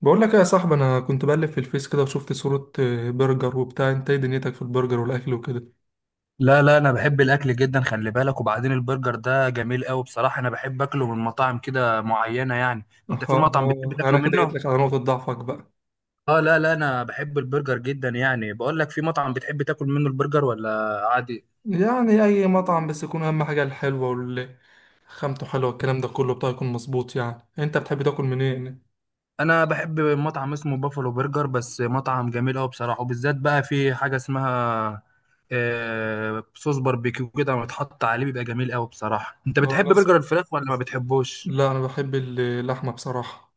بقول لك إيه يا صاحبي، انا كنت بقلب في الفيس كده وشفت صورة برجر وبتاع. انت ايه دنيتك في البرجر والاكل وكده؟ لا لا، انا بحب الاكل جدا. خلي بالك. وبعدين البرجر ده جميل قوي بصراحه، انا بحب اكله من مطاعم كده معينه يعني. انت اه. في مطعم بتحب اه، انا تاكله كده جيت منه؟ لك على نقطة ضعفك بقى. اه لا لا، انا بحب البرجر جدا يعني. بقول لك، في مطعم بتحب تاكل منه البرجر ولا عادي؟ يعني اي مطعم بس يكون اهم حاجة الحلوة وال خامته حلوة، الكلام ده كله بتاع يكون مظبوط. يعني انت بتحب تاكل منين؟ انا بحب مطعم اسمه بافلو برجر، بس مطعم جميل قوي بصراحه. وبالذات بقى في حاجه اسمها صوص باربيكيو، كده متحط عليه بيبقى جميل قوي بصراحه. انت اه، بتحب ناس. برجر الفراخ ولا ما بتحبوش؟ لا، انا بحب اللحمة بصراحة.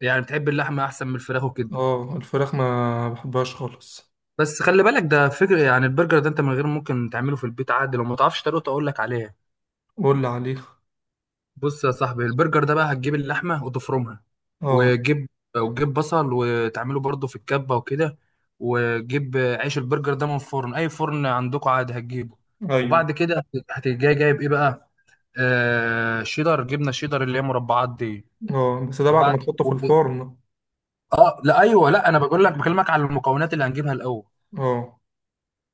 يعني بتحب اللحمه احسن من الفراخ وكده؟ اه، الفراخ ما بحبهاش خالص. بس خلي بالك، ده فكرة. يعني البرجر ده انت من غير ممكن تعمله في البيت عادي، لو ما تعرفش طريقته اقول لك عليها. قول لي عليه. بص يا صاحبي، البرجر ده بقى هتجيب اللحمة وتفرمها. اه. وتجيب وتجيب بصل وتعمله برضه في الكبة وكده. وتجيب عيش البرجر ده من فرن، اي فرن عندكم عادي هتجيبه. ايوه. وبعد كده هتجي جايب ايه بقى؟ شيدر، جبنة شيدر اللي هي مربعات دي. اه، بس ده بعد ما وبعد تحطه في و- الفرن. اه لا ايوه لا، انا بقول لك بكلمك على المكونات اللي هنجيبها الاول. اه،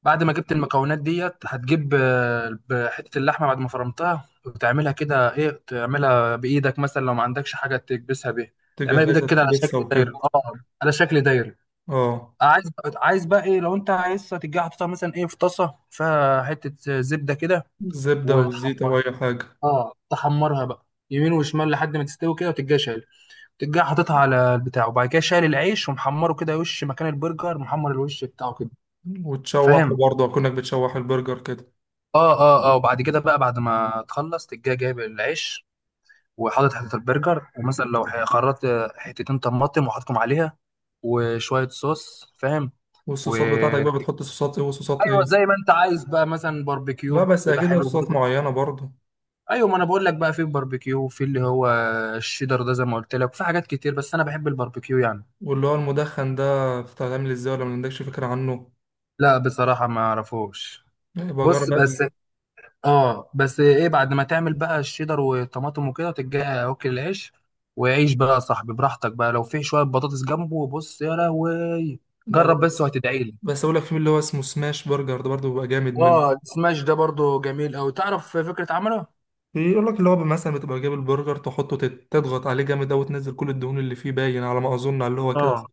بعد ما جبت المكونات ديت هتجيب حتة اللحمة بعد ما فرمتها وتعملها كده ايه، تعملها بإيدك مثلا لو ما عندكش حاجة تكبسها بيها. تعملها بإيدك تجهزها كده على تكبسها شكل دايرة، وكده. على شكل دايرة. اه، عايز بقى ايه، لو انت عايزها تجي حاططها مثلا ايه في طاسة فيها حتة زبدة كده، زبدة وزيت أو وتحمرها. أي حاجة. اه، تحمرها بقى يمين وشمال لحد ما تستوي كده، وتجي شايل، تجي حاططها على البتاع. وبعد كده شايل العيش ومحمره كده، وش مكان البرجر محمر الوش بتاعه كده. وتشوح، فاهم؟ وبرضه أكنك بتشوح البرجر كده. اه اه اه. وبعد كده بقى، بعد ما تخلص تجي جايب العيش وحاطط حتة البرجر، ومثلا لو خرطت حتتين طماطم وحاططهم عليها، وشوية صوص، فاهم؟ و والصوصات بتاعتك بقى بتحط صوصات إيه وصوصات ايوه، إيه؟ زي ما انت عايز بقى، مثلا لا، باربيكيو بس بيبقى أكيد لها حلو صوصات برضه. معينة برضه. ايوه، ما انا بقول لك بقى، في باربيكيو، في اللي هو الشيدر ده زي ما قلت لك، وفي حاجات كتير، بس انا بحب الباربيكيو يعني. واللي هو المدخن ده بتتعمل إزاي ولا ما عندكش فكرة عنه؟ لا بصراحة، ما اعرفوش. يبقى جرب بص بقى بس. اه، بس ايه، بعد ما تعمل بقى الشيدر والطماطم وكده تجي اوكي العيش. وعيش بقى يا صاحبي براحتك بقى. لو في شويه بطاطس جنبه، بص يا لهوي. لا لا. جرب بس بس وهتدعي لي. بس أقول لك في اللي هو اسمه سماش برجر ده برضه بيبقى جامد منه. اه، السماش ده برضو جميل قوي. تعرف فكره عمله. بيقول لك اللي هو مثلا بتبقى جايب البرجر تحطه، تضغط عليه جامد أوي وتنزل كل الدهون اللي فيه، باين على ما أظن على اللي هو كده. اه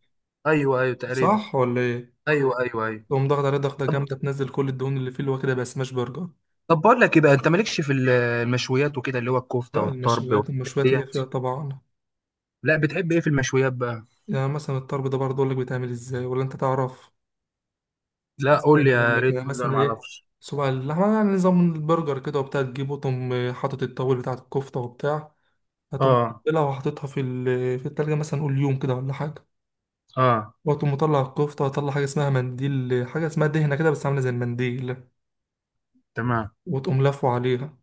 ايوه ايوه تقريبا. صح ولا إيه؟ ايوه ايوه ايوه. تقوم ضغط عليه ضغطة طب جامدة، تنزل كل الدهون اللي فيه، اللي هو كده بقى سماش برجر. طب بقول لك ايه بقى، انت مالكش في المشويات وكده، اللي هو الكفته لا، والطرب المشويات والحاجات المشويات اللي فيها ديت؟ طبعا. لا، بتحب ايه في المشويات بقى؟ يعني مثلا الطرب ده برضه أقول لك بيتعمل إزاي ولا أنت تعرف؟ لا قول لي، استنى أقول يا لك، يعني ريت قول لي، انا مثلا ما إيه. اعرفش. صباع اللحمة يعني نظام البرجر كده وبتاع تجيبه، تقوم حاطط الطاول بتاع الكفتة وبتاع. هتقوم اه مقللها وحاططها في التلاجة مثلا قول يوم كده ولا حاجة. اه وتقوم مطلع الكفتة وتطلع حاجة اسمها منديل، حاجة اسمها دهنة كده بس عاملة زي المنديل. تمام. وتقوم لافه عليها.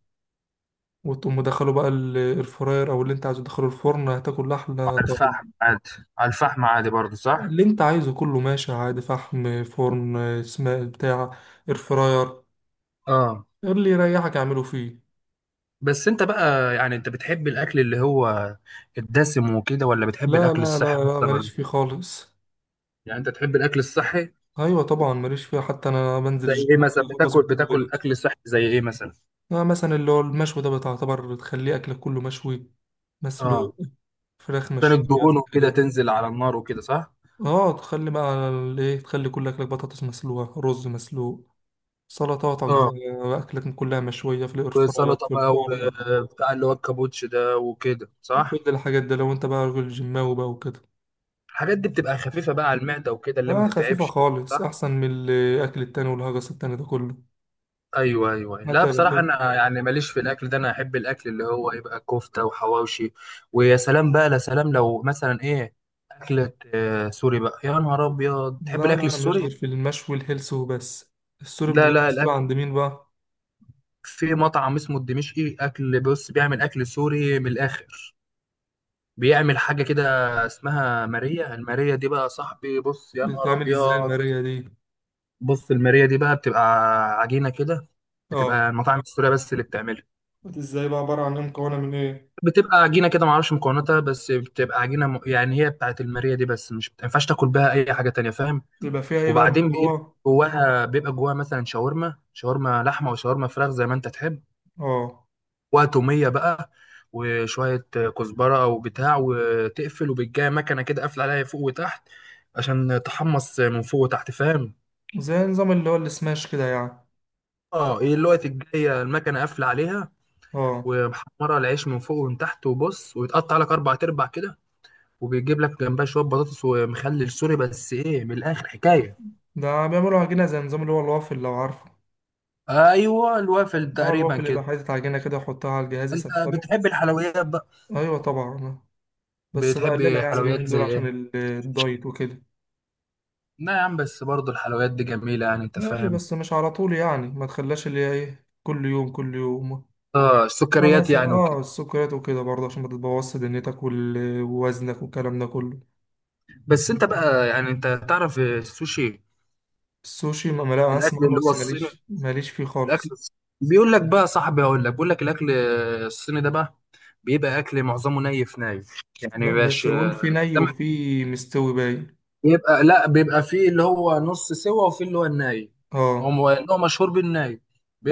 وتقوم مدخله بقى الفراير أو اللي أنت عايزه تدخله الفرن، هتاكل أحلى على طرب. الفحم عادي. على الفحم عادي برضه صح. اللي انت عايزه كله ماشي عادي، فحم، فرن، اسماء بتاع، اير فراير. اه، اللي يريحك اعمله فيه. بس انت بقى يعني، انت بتحب الاكل اللي هو الدسم وكده، ولا بتحب لا الاكل لا الصحي لا لا، اكتر ماليش ولا؟ فيه خالص. يعني انت تحب الاكل الصحي؟ ايوه طبعا، ماليش فيه، حتى انا بنزل زي ايه الجيم مثلا، وكده بتاكل بظبط الدنيا. اكل صحي زي ايه مثلا؟ يعني مثلا اللي هو المشوي ده بتعتبر تخليه اكلك كله مشوي، مسلوق، اه، فراخ عشان مشوية الدهون وكده كده. تنزل على النار وكده، صح. اه، تخلي بقى الايه، تخلي كل اكلك بطاطس مسلوقة، رز مسلوق، سلطاتك بقى. اه، اكلك كلها مشوية في الاير فراير، وسلطه في بقى الفرن. وبتاع، اللي هو الكابوتش ده وكده، كل صح. الحاجات ده لو انت بقى راجل جيماوي بقى وكده. الحاجات دي بتبقى خفيفه بقى على المعده وكده، اللي ما لا، خفيفة تتعبش. خالص صح. أحسن من الأكل التاني والهجس التاني ده كله. ايوه ايوه، لا حتى بصراحه، انا يعني ماليش في الاكل ده. انا احب الاكل اللي هو يبقى كفته وحواوشي. ويا سلام بقى، لا سلام، لو مثلا ايه، اكله سوري بقى، يا نهار ابيض. لا تحب الاكل لا، أنا ماليش السوري؟ غير في المشوي الهلس وبس. السوري لا بتجيب لا، السوري الاكل عند مين بقى؟ في مطعم اسمه الدمشقي. اكل، بص بيعمل اكل سوري من الاخر. بيعمل حاجه كده اسمها ماريا. الماريا دي بقى يا صاحبي، بص يا نهار بتتعمل إزاي ابيض. المارية دي؟ بص الماريا دي بقى بتبقى عجينه كده. اه. بتبقى المطاعم السوريه بس اللي بتعملها. ازاي بقى؟ عبارة عن ايه؟ مكونة من ايه؟ بتبقى عجينه كده، ما اعرفش مكوناتها، بس بتبقى عجينه. يعني هي بتاعت الماريه دي بس، مش، ما ينفعش تاكل بها اي حاجه تانية، فاهم؟ بيبقى فيها ايه بقى من وبعدين بيبقى جوه؟ جواها، مثلا شاورما لحمه وشاورما فراخ زي ما انت تحب. اه، وتوميه بقى وشويه كزبره او بتاع، وتقفل. وبتجي مكنه كده قافله عليها فوق وتحت، عشان تحمص من فوق وتحت، فاهم؟ زي نظام اللي هو السماش كده يعني. اه، ايه الوقت الجايه المكنه قافله عليها اه، ومحمره العيش من فوق ومن تحت. وبص، ويتقطع لك اربع تربع كده. وبيجيب لك جنبها شويه بطاطس ومخلل سوري، بس ايه، من الاخر حكايه. ده بيعملوا عجينة زي نظام اللي هو الوافل لو عارفه. ايوه، الوافل اه، تقريبا الوافل يبقى كده. حاطط عجينة كده يحطها على الجهاز انت يسخنه. بتحب الحلويات بقى؟ أيوة طبعا. بس بتحب بقللها يعني حلويات اليومين دول زي عشان ايه؟ الدايت وكده. لا يا عم، بس برضه الحلويات دي جميله يعني، انت ماشي، فاهم. بس مش على طول يعني ما تخليهاش اللي هي ايه كل يوم كل يوم. اه، آه، السكريات مثلا يعني وكده. السكريات وكده برضه عشان ما تبوظش دنيتك ووزنك والكلام ده كله. بس انت بقى، يعني انت تعرف السوشي؟ السوشي، ما، لا اسمع الاكل عنه اللي هو بس الصيني، ماليش فيه الاكل خالص. الص- بيقول لك بقى صاحبي، هقول لك، بيقول لك الاكل الصيني ده بقى، بيبقى اكل معظمه نايف يعني، لا بس مبيبقاش. بقول في ني وفي مستوي باين. يبقى لا، بيبقى فيه اللي هو نص سوا، وفيه اللي هو الناي. هو اه، اللي هو مشهور بالناي.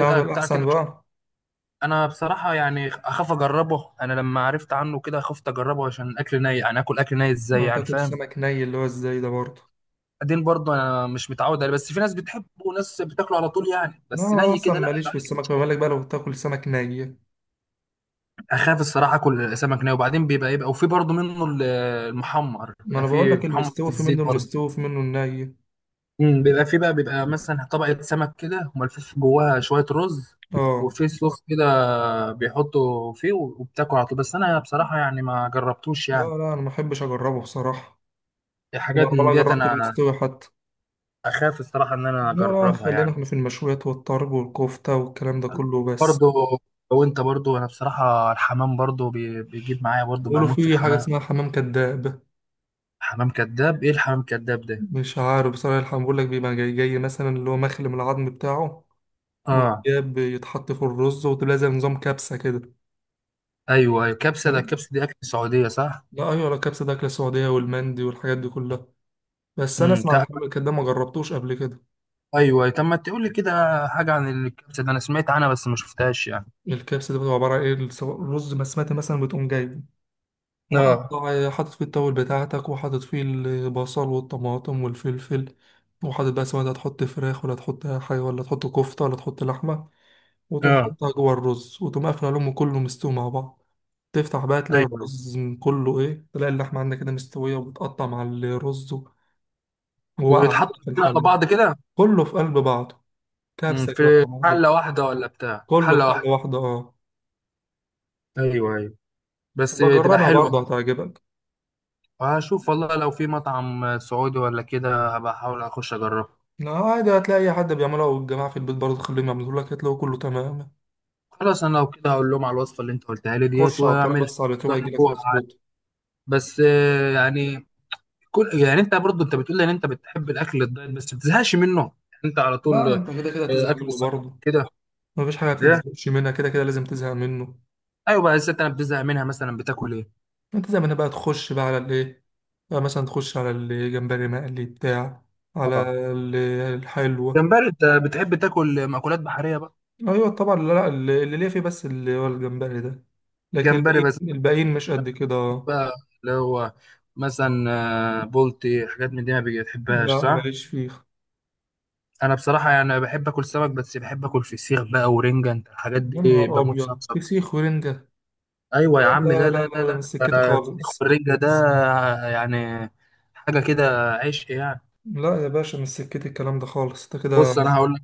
انا بتاع الاحسن كده. بقى. انا بصراحه يعني اخاف اجربه. انا لما عرفت عنه كده خفت اجربه، عشان الاكل ناي يعني. اكل، اكل ناي ازاي آه، يعني، تاكل فاهم؟ سمك ني اللي هو ازاي ده برضه؟ بعدين برضه، انا مش متعود عليه، بس في ناس بتحبه وناس بتاكله على طول يعني. لا، بس أنا ني اصلا كده، لا ماليش لا. في السمك، ما بالك بقى لو تاكل سمك ني. اخاف الصراحه اكل سمك ناي. وبعدين بيبقى، وفي برضه منه المحمر، ما بيبقى انا بقول فيه لك محمر في المستوي في الزيت منه برضه. المستوي وفي منه الني. بيبقى فيه بقى، مثلا طبقة سمك كده وملفوف جواها شوية رز، اه. وفي صوص كده بيحطوا فيه، وبتاكل على طول. بس أنا بصراحة يعني ما جربتوش، لا يعني لا، انا ما احبش اجربه بصراحه. حاجات وما- من ولا ديت جربت أنا. المستوي حتى. أخاف الصراحة إن أنا لا لا، أجربها خلينا يعني. احنا في المشويات والطرب والكفته والكلام ده كله بس. برضو. وأنت برضو، أنا بصراحة الحمام برضو بيجيب معايا، برضو بيقولوا بموت في في حاجه الحمام. اسمها حمام كداب. حمام كذاب؟ إيه الحمام كذاب ده؟ مش عارف بصراحه، الحمام بيقول لك بيبقى جاي جاي مثلا اللي هو مخلي من العظم بتاعه. آه. ويتجاب يتحط في الرز وتبقى زي نظام كبسه كده. أيوه أيوه، كبسة. ده الكبسة دي أكل سعودية صح؟ لا ايوه لا، كبسه ده اكله سعوديه والمندي والحاجات دي كلها. بس انا امم اسمع عن تق- الحمام الكداب، ما جربتوش قبل كده. أيوه أيوه. طب ما تقول لي كده حاجة عن الكبسة ده، أنا سمعت عنها بس ما شفتهاش يعني. الكبسه دي بتبقى عباره عن ايه. الرز بسمتي مثلا بتقوم جايبه، اه مقطع، حاطط فيه التاول بتاعتك وحاطط فيه البصل والطماطم والفلفل. وحاطط بقى سواء انت هتحط فراخ ولا تحط حاجة ولا تحط كفتة ولا تحط لحمة. وتقوم اه حاطها جوه الرز وتقوم قافل عليهم كله مستوي مع بعض. تفتح بقى تلاقي ايوه. الرز كله ايه، تلاقي اللحمة عندك كده مستوية وبتقطع مع الرز. وواقعة كده ويتحطوا في كده على الحلة. بعض كده. كله في قلب بعضه. كبسة كده في مع بعضه. حله واحده ولا بتاع، في كله حله في حلة واحده؟ واحدة اه. ايوه ايوه، بس تبقى بجربها حلوه برضه هتعجبك. بقى. هشوف والله، لو في مطعم سعودي ولا كده هبقى احاول اخش اجربه. لا عادي، هتلاقي أي حد بيعملها، والجماعة في البيت برضه تخليهم يعملوا لك هتلاقوا كله تمام. خلاص، انا لو كده هقول لهم على الوصفه اللي انت قلتها لي ديت خش على الطريق واعملها. بس على اليوتيوب هيجيلك جربوها عادي. مظبوط. بس يعني، كل يعني، انت برضو، انت بتقول لي ان انت بتحب الاكل الدايت بس ما بتزهقش منه يعني؟ انت على طول لا انت كده كده هتزهق اكل منه صح برضه. كده، مفيش حاجه ايه. بتتزهقش منها، كده كده لازم تزهق منه. ايوه بقى، الست انا بتزهق منها، مثلا بتاكل ايه. انت زي ما انا بقى تخش بقى على الايه، بقى مثلا تخش على الجمبري مقلي بتاع، على اه. ال- الحلوه. جمبري، انت بتحب تاكل مأكولات بحرية بقى؟ ايوه طبعا. لا لا، اللي ليه فيه بس اللي هو الجمبري ده. لكن جمبري الباقيين بس الباقيين مش قد كده. بقى، اللي هو مثلا بولتي، حاجات من دي ما بتحبهاش لا صح؟ ماليش فيه. انا بصراحة يعني بحب اكل سمك، بس بحب اكل فسيخ بقى ورنجة. انت الحاجات يا دي نهار بموت فيها ابيض، بصراحة. فسيخ ورنجه. ايوه يا لا عم، لا لا لا لا لا لا، ده لا. مش سكتي الفسيخ خالص. والرنجة ده، يعني، حاجة كده عشق يعني. لا يا باشا، مش سكتي الكلام ده خالص انت كده. بص انا هقول لك،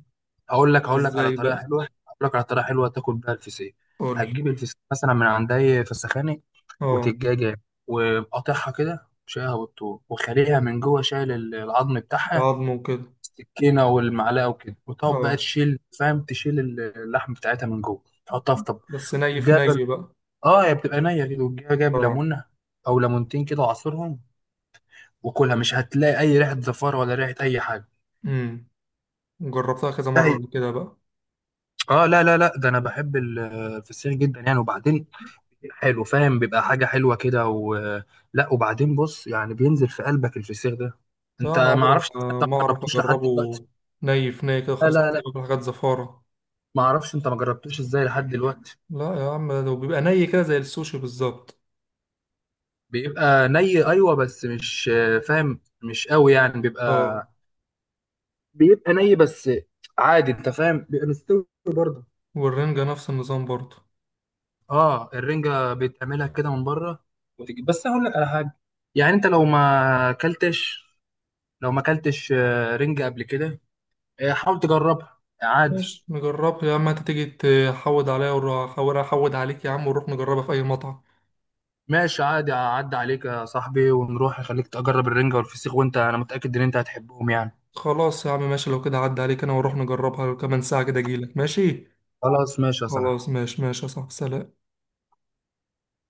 هقول لك هقول لك على ازاي طريقة بقى؟ حلوة هقول لك على طريقة حلوة تاكل بيها الفسيخ. قول. هتجيب الفسيخ مثلا من عند اي فسخاني، اه، وتتجاجة وقاطعها كده شايلها بالطول، وخليها من جوه شايل العظم بتاعها، بعضمه وكده. السكينة والمعلقة وكده. وتقعد بقى اه، تشيل، فاهم، تشيل اللحم بتاعتها من جوه، تحطها في طب. بس ني وتقوم في جايب ني بقى. اه، هي بتبقى نية كده. وتجيب جايب اه. ليمونة أو ليمونتين كده وعصرهم، وكلها مش هتلاقي أي ريحة زفارة ولا ريحة أي حاجة. امم جربتها كذا لا، مرة قبل كده بقى. اه، لا لا لا، ده أنا بحب الفسيخ جدا يعني. وبعدين حلو، فاهم، بيبقى حاجة حلوة كده لا، وبعدين بص يعني، بينزل في قلبك الفسيخ ده. لا، انت انا ما عمري اعرفش، ما انت ما ما اعرف جربتوش لحد اجربه. دلوقتي؟ ني في ني كده لا، خالص، لا، كنت لا. باكل حاجات زفارة. ما اعرفش انت ما جربتوش ازاي لحد دلوقتي؟ لا يا عم، ده بيبقى ني كده زي السوشي بالظبط. بيبقى ني ايوه، بس مش فاهم، مش قوي يعني. بيبقى، اه، بيبقى ني بس عادي، انت فاهم، بيبقى مستوي برضه. والرنجة نفس النظام برضه. اه، الرنجة بتعملها كده من بره، وتجي بس. هقول لك على حاجة، يعني انت لو ما اكلتش، رنجة قبل كده، حاول تجربها عادي. ماشي نجربها يا عم، انت تيجي تحود عليا واروح احاول احود عليك يا عم ونروح نجربها في اي مطعم. ماشي، عادي اعدي عليك يا صاحبي ونروح، اخليك تجرب الرنجة والفسيخ، وانت، انا متأكد ان انت هتحبهم يعني. خلاص يا عم ماشي، لو كده عدى عليك انا واروح نجربها، كمان ساعة كده اجيلك ماشي. خلاص ماشي يا صاحبي. خلاص، ماشي ماشي يا صاحبي، سلام.